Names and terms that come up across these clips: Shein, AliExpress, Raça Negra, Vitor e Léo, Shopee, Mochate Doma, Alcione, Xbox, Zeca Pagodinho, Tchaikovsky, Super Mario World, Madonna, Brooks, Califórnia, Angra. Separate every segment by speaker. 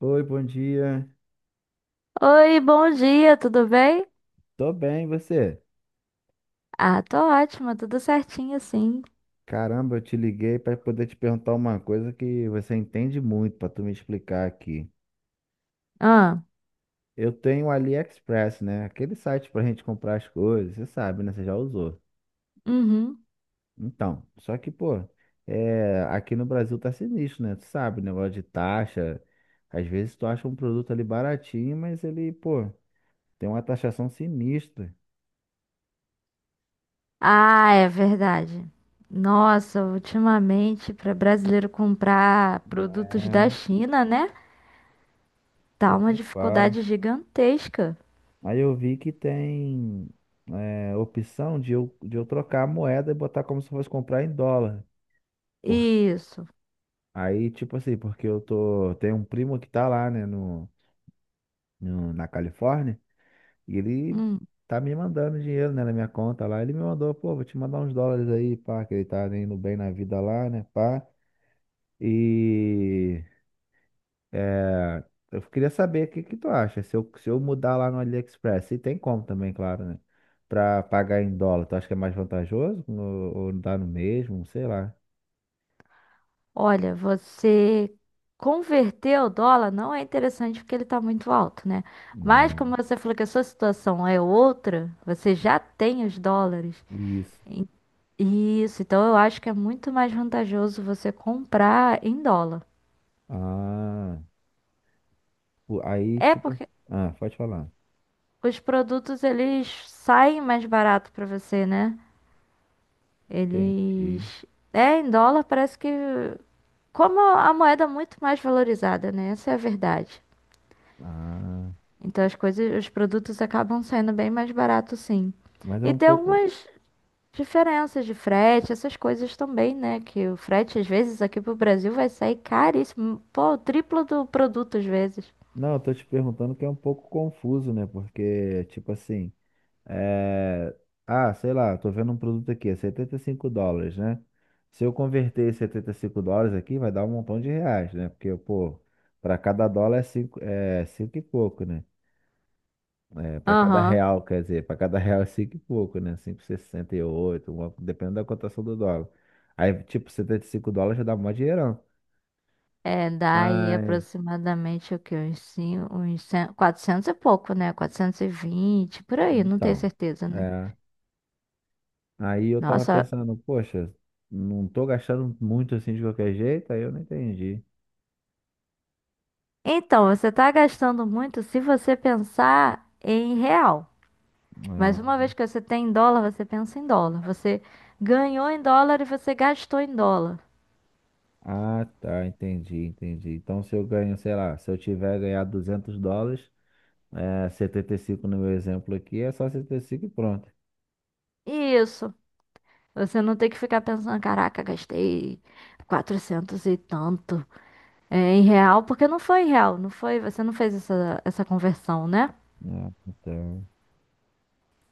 Speaker 1: Oi, bom dia.
Speaker 2: Oi, bom dia, tudo bem?
Speaker 1: Tô bem, e você?
Speaker 2: Ah, tô ótima, tudo certinho, sim.
Speaker 1: Caramba, eu te liguei para poder te perguntar uma coisa que você entende muito para tu me explicar aqui.
Speaker 2: Ah,
Speaker 1: Eu tenho o AliExpress, né? Aquele site pra gente comprar as coisas, você sabe, né? Você já usou.
Speaker 2: uhum.
Speaker 1: Então, só que, pô, aqui no Brasil tá sinistro, né? Tu sabe, né? Negócio de taxa. Às vezes tu acha um produto ali baratinho, mas ele, pô, tem uma taxação sinistra.
Speaker 2: Ah, é verdade. Nossa, ultimamente, para brasileiro comprar produtos da
Speaker 1: É,
Speaker 2: China, né? Tá
Speaker 1: pô,
Speaker 2: uma
Speaker 1: nem fala.
Speaker 2: dificuldade gigantesca.
Speaker 1: Aí eu vi que tem opção de eu trocar a moeda e botar como se fosse comprar em dólar. Por,
Speaker 2: Isso.
Speaker 1: aí, tipo assim, porque eu tô. Tem um primo que tá lá, né, na Califórnia, e ele
Speaker 2: Hum.
Speaker 1: tá me mandando dinheiro, né, na minha conta lá. Ele me mandou, pô, vou te mandar uns dólares aí, pá, que ele tá indo bem na vida lá, né, pá. E. É, eu queria saber o que que tu acha. Se eu mudar lá no AliExpress, se tem como também, claro, né? Pra pagar em dólar, tu acha que é mais vantajoso? No- Ou dá no mesmo? Sei lá.
Speaker 2: Olha, você converter o dólar não é interessante porque ele tá muito alto, né? Mas
Speaker 1: Ah,
Speaker 2: como você falou que a sua situação é outra, você já tem os dólares.
Speaker 1: isso.
Speaker 2: Isso, então eu acho que é muito mais vantajoso você comprar em dólar.
Speaker 1: Ah, o- aí
Speaker 2: É
Speaker 1: tipo.
Speaker 2: porque
Speaker 1: Ah, pode falar.
Speaker 2: os produtos eles saem mais barato para você, né?
Speaker 1: Entendi.
Speaker 2: Eles é em dólar, parece que como a moeda é muito mais valorizada, né? Essa é a verdade.
Speaker 1: Ah,
Speaker 2: Então as coisas, os produtos acabam saindo bem mais barato, sim.
Speaker 1: mas é
Speaker 2: E
Speaker 1: um
Speaker 2: tem
Speaker 1: pouco.
Speaker 2: algumas diferenças de frete, essas coisas também, né? Que o frete às vezes aqui pro Brasil vai sair caríssimo, pô, o triplo do produto às vezes.
Speaker 1: Não, eu tô te perguntando que é um pouco confuso, né? Porque, tipo assim. É, ah, sei lá, tô vendo um produto aqui, é 75 dólares, né? Se eu converter esses 75 dólares aqui, vai dar um montão de reais, né? Porque, pô, para cada dólar é cinco e pouco, né? É, para cada
Speaker 2: Aham.
Speaker 1: real, quer dizer, para cada real é 5 e pouco, né? 5,68, uma- dependendo da cotação do dólar. Aí, tipo, 75 dólares já dá mó dinheirão.
Speaker 2: É, dá aí
Speaker 1: Mas,
Speaker 2: aproximadamente o quê? Uns, cinco, 400 e pouco, né? 420 por aí, não tenho
Speaker 1: então,
Speaker 2: certeza, né?
Speaker 1: é, aí eu tava
Speaker 2: Nossa,
Speaker 1: pensando, poxa, não tô gastando muito assim de qualquer jeito, aí eu não entendi.
Speaker 2: então, você tá gastando muito se você pensar em real. Mas uma vez que você tem em dólar, você pensa em dólar. Você ganhou em dólar e você gastou em dólar.
Speaker 1: Ah, tá, entendi, entendi. Então, se eu ganho, sei lá, se eu tiver ganhado 200 dólares, 75 no meu exemplo aqui, é só 75 e pronto.
Speaker 2: Isso. Você não tem que ficar pensando, caraca, gastei 400 e tanto em real, porque não foi em real, não foi, você não fez essa, essa conversão, né?
Speaker 1: Ah, então,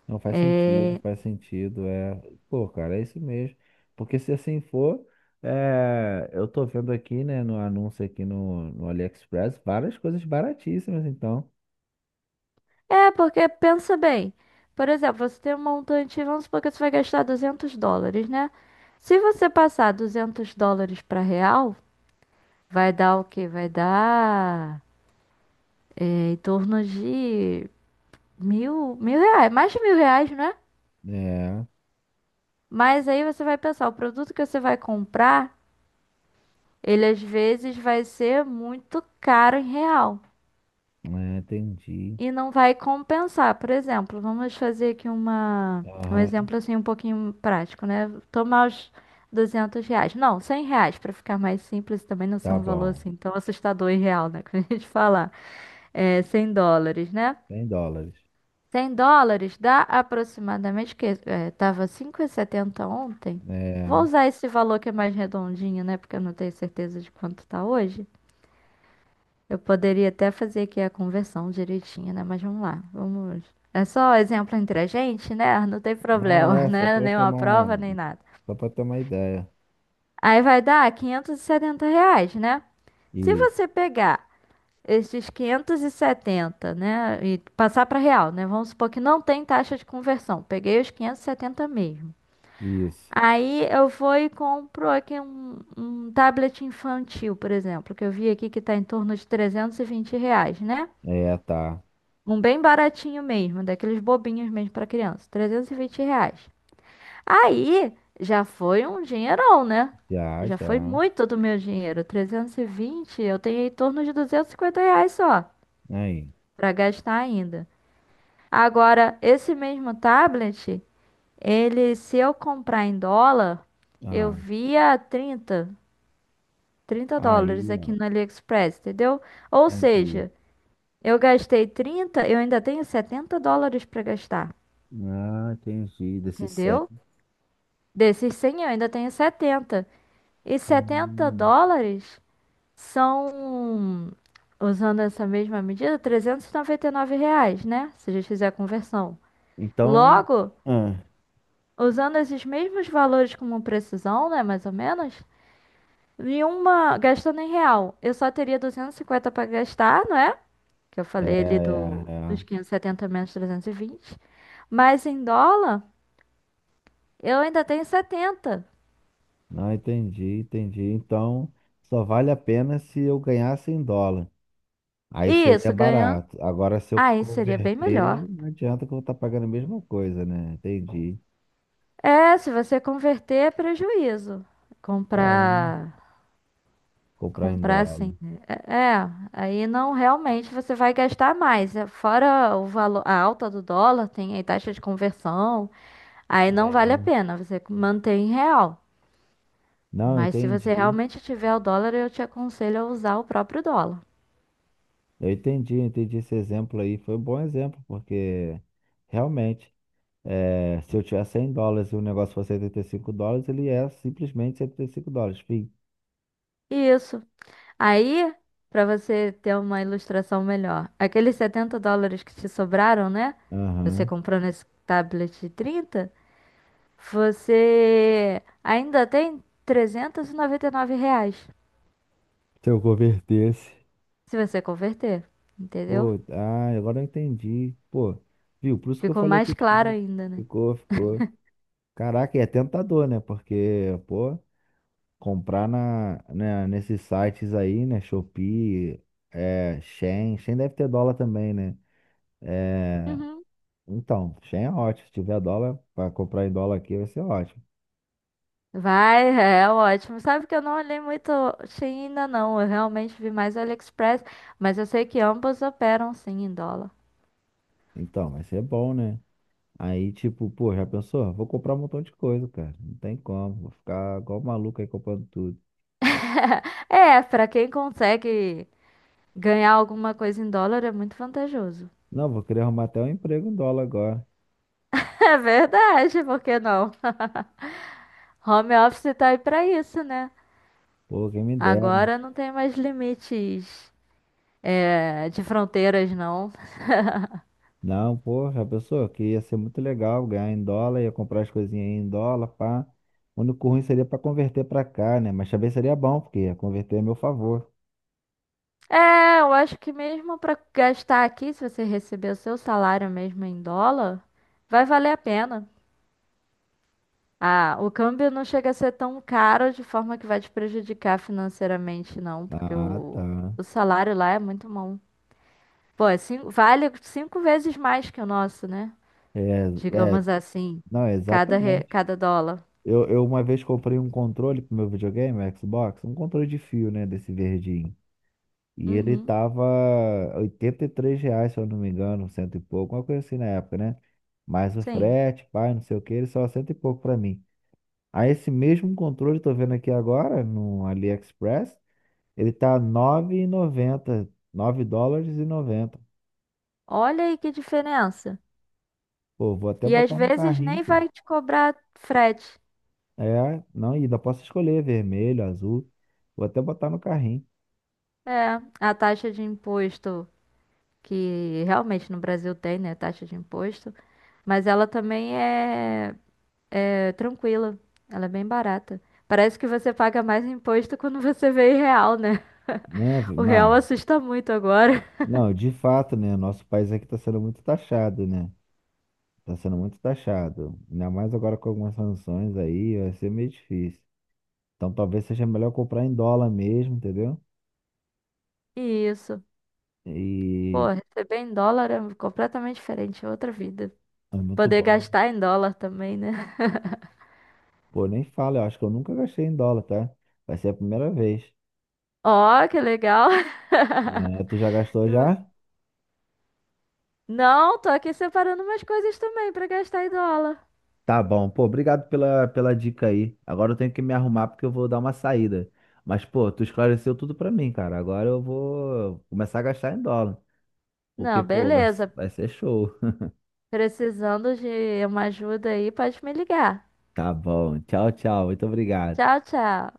Speaker 1: não faz sentido,
Speaker 2: É,
Speaker 1: faz sentido, é, pô, cara, é isso mesmo. Porque se assim for, eu tô vendo aqui, né, no anúncio aqui no AliExpress, várias coisas baratíssimas, então.
Speaker 2: é porque pensa bem. Por exemplo, você tem um montante, vamos supor que você vai gastar US$ 200, né? Se você passar US$ 200 para real, vai dar o quê? Vai dar é, em torno de mil reais, mais de mil reais, né?
Speaker 1: É,
Speaker 2: Mas aí você vai pensar, o produto que você vai comprar, ele às vezes vai ser muito caro em real.
Speaker 1: é, entendi.
Speaker 2: E não vai compensar. Por exemplo, vamos fazer aqui um
Speaker 1: Aham,
Speaker 2: exemplo assim um pouquinho prático, né? Tomar os R$ 200. Não, R$ 100, para ficar mais simples, também não ser
Speaker 1: tá
Speaker 2: um valor
Speaker 1: bom,
Speaker 2: assim tão assustador e real, né? Que a gente fala, é 100 dólares, né?
Speaker 1: 100 dólares.
Speaker 2: 100 dólares dá aproximadamente, que é, tava 5,70 ontem. Vou
Speaker 1: É.
Speaker 2: usar esse valor que é mais redondinho, né? Porque eu não tenho certeza de quanto tá hoje. Eu poderia até fazer aqui a conversão direitinha, né? Mas vamos lá, vamos. É só exemplo entre a gente, né? Não tem
Speaker 1: Não,
Speaker 2: problema,
Speaker 1: é só
Speaker 2: né?
Speaker 1: para
Speaker 2: Nenhuma
Speaker 1: tomar,
Speaker 2: prova, nem nada.
Speaker 1: só para ter uma ideia.
Speaker 2: Aí vai dar R$ 570, né? Se
Speaker 1: Isso,
Speaker 2: você pegar esses 570, né? E passar para real, né? Vamos supor que não tem taxa de conversão. Peguei os 570 mesmo.
Speaker 1: isso.
Speaker 2: Aí eu vou e compro aqui um, um tablet infantil, por exemplo, que eu vi aqui que está em torno de R$ 320, né?
Speaker 1: É, tá.
Speaker 2: Um bem baratinho mesmo, daqueles bobinhos mesmo pra criança, R$ 320. Aí já foi um dinheirão, né?
Speaker 1: Já,
Speaker 2: Já foi
Speaker 1: já.
Speaker 2: muito do meu dinheiro. 320 eu tenho em torno de R$ 250 só
Speaker 1: Aí,
Speaker 2: pra gastar ainda. Agora, esse mesmo tablet, ele, se eu comprar em dólar, eu
Speaker 1: ah,
Speaker 2: via trinta dólares
Speaker 1: aí,
Speaker 2: aqui
Speaker 1: ó.
Speaker 2: no AliExpress, entendeu? Ou
Speaker 1: Entendi.
Speaker 2: seja, eu gastei 30 eu ainda tenho US$ 70 para gastar,
Speaker 1: Ah, entendi. Desse
Speaker 2: entendeu?
Speaker 1: certo.
Speaker 2: Desses 100 eu ainda tenho setenta. E setenta
Speaker 1: Hum,
Speaker 2: dólares são, usando essa mesma medida, trezentos e noventa e nove reais, né? Se a gente fizer a conversão.
Speaker 1: Então,
Speaker 2: Logo,
Speaker 1: ah,
Speaker 2: usando esses mesmos valores como precisão, né? Mais ou menos, em uma, gastando em real, eu só teria 250 para gastar, não é? Que eu
Speaker 1: é,
Speaker 2: falei ali
Speaker 1: é,
Speaker 2: do, dos
Speaker 1: é.
Speaker 2: 570 menos 320. Mas em dólar, eu ainda tenho setenta.
Speaker 1: Não, entendi, entendi. Então, só vale a pena se eu ganhasse em dólar. Aí
Speaker 2: E
Speaker 1: seria
Speaker 2: isso ganhando.
Speaker 1: barato. Agora, se eu
Speaker 2: Aí seria bem
Speaker 1: converter,
Speaker 2: melhor.
Speaker 1: não adianta que eu vou estar pagando a mesma coisa, né? Entendi.
Speaker 2: É, se você converter é prejuízo.
Speaker 1: Caramba.
Speaker 2: Comprar,
Speaker 1: Comprar em
Speaker 2: comprar
Speaker 1: dólar.
Speaker 2: assim. Né? É, aí não realmente você vai gastar mais. É, fora o valor, a alta do dólar, tem aí taxa de conversão. Aí não vale a
Speaker 1: É.
Speaker 2: pena, você mantém em real.
Speaker 1: Não,
Speaker 2: Mas se você
Speaker 1: entendi.
Speaker 2: realmente tiver o dólar, eu te aconselho a usar o próprio dólar.
Speaker 1: Eu entendi esse exemplo aí. Foi um bom exemplo, porque realmente, se eu tiver 100 dólares e o negócio for 75 dólares, ele é simplesmente 75 dólares, fim.
Speaker 2: Isso. Aí, para você ter uma ilustração melhor, aqueles US$ 70 que te sobraram, né? Você
Speaker 1: Aham.
Speaker 2: comprou nesse tablet de 30. Você ainda tem trezentos e noventa e nove reais
Speaker 1: Se eu convertesse.
Speaker 2: se você converter, entendeu?
Speaker 1: Pô, ah, agora eu entendi. Pô, viu? Por isso que eu
Speaker 2: Ficou
Speaker 1: falei que o
Speaker 2: mais claro
Speaker 1: tive.
Speaker 2: ainda, né?
Speaker 1: Ficou, ficou. Caraca, e é tentador, né? Porque, pô, comprar na, né, nesses sites aí, né? Shopee, Shein. Shein deve ter dólar também, né?
Speaker 2: Uhum.
Speaker 1: Então, Shein é ótimo. Se tiver dólar, para comprar em dólar aqui vai ser ótimo.
Speaker 2: Vai, é ótimo. Sabe que eu não olhei muito Shein ainda não. Eu realmente vi mais o AliExpress, mas eu sei que ambos operam sim em dólar.
Speaker 1: Então, vai ser bom, né? Aí, tipo, pô, já pensou? Vou comprar um montão de coisa, cara. Não tem como. Vou ficar igual maluco aí comprando tudo.
Speaker 2: É, pra quem consegue ganhar alguma coisa em dólar é muito vantajoso.
Speaker 1: Não, vou querer arrumar até um emprego em dólar agora.
Speaker 2: É verdade, por que não? Home office tá aí pra isso, né?
Speaker 1: Pô, quem me dera.
Speaker 2: Agora não tem mais limites de fronteiras, não.
Speaker 1: Não, porra, a pessoa que ia ser muito legal ganhar em dólar, ia comprar as coisinhas aí em dólar, pá. O único ruim seria pra converter pra cá, né? Mas também seria bom, porque ia converter a meu favor.
Speaker 2: É, eu acho que mesmo para gastar aqui, se você receber o seu salário mesmo em dólar, vai valer a pena. Ah, o câmbio não chega a ser tão caro de forma que vai te prejudicar financeiramente, não, porque
Speaker 1: Ah, tá.
Speaker 2: o salário lá é muito bom. Pô, vale cinco vezes mais que o nosso, né?
Speaker 1: É, é,
Speaker 2: Digamos assim,
Speaker 1: não, exatamente.
Speaker 2: cada dólar.
Speaker 1: Eu uma vez comprei um controle pro meu videogame, o Xbox, um controle de fio, né, desse verdinho. E ele
Speaker 2: Uhum,
Speaker 1: tava 83 reais, se eu não me engano, cento e pouco, uma coisa assim na época, né? Mais o
Speaker 2: sim.
Speaker 1: frete, pai, não sei o que, ele só cento e pouco pra mim. Aí esse mesmo controle, tô vendo aqui agora no AliExpress, ele tá nove e noventa nove dólares e noventa.
Speaker 2: Olha aí que diferença.
Speaker 1: Pô, vou até
Speaker 2: E às
Speaker 1: botar no
Speaker 2: vezes
Speaker 1: carrinho,
Speaker 2: nem
Speaker 1: pô.
Speaker 2: vai te cobrar frete.
Speaker 1: É, não, e ainda posso escolher vermelho, azul. Vou até botar no carrinho,
Speaker 2: É, a taxa de imposto que realmente no Brasil tem, né? Taxa de imposto, mas ela também é tranquila, ela é bem barata. Parece que você paga mais imposto quando você vê em real, né?
Speaker 1: né? Vi-
Speaker 2: O real
Speaker 1: na,
Speaker 2: assusta muito agora.
Speaker 1: não, de fato, né? Nosso país aqui tá sendo muito taxado, né? Tá sendo muito taxado. Ainda mais agora com algumas sanções aí, vai ser meio difícil. Então talvez seja melhor comprar em dólar mesmo, entendeu?
Speaker 2: E isso,
Speaker 1: E
Speaker 2: pô, receber em dólar é completamente diferente, é outra vida.
Speaker 1: é muito
Speaker 2: Poder
Speaker 1: bom.
Speaker 2: gastar em dólar também, né?
Speaker 1: Pô, nem fala, eu acho que eu nunca gastei em dólar, tá? Vai ser a primeira vez.
Speaker 2: Ó, que legal!
Speaker 1: É, tu já gastou já?
Speaker 2: Não, tô aqui separando umas coisas também pra gastar em dólar.
Speaker 1: Tá bom. Pô, obrigado pela, pela dica aí. Agora eu tenho que me arrumar porque eu vou dar uma saída. Mas, pô, tu esclareceu tudo pra mim, cara. Agora eu vou começar a gastar em dólar.
Speaker 2: Não,
Speaker 1: Porque, pô, vai,
Speaker 2: beleza.
Speaker 1: vai ser show.
Speaker 2: Precisando de uma ajuda aí, pode me ligar.
Speaker 1: Tá bom. Tchau, tchau. Muito obrigado.
Speaker 2: Tchau, tchau.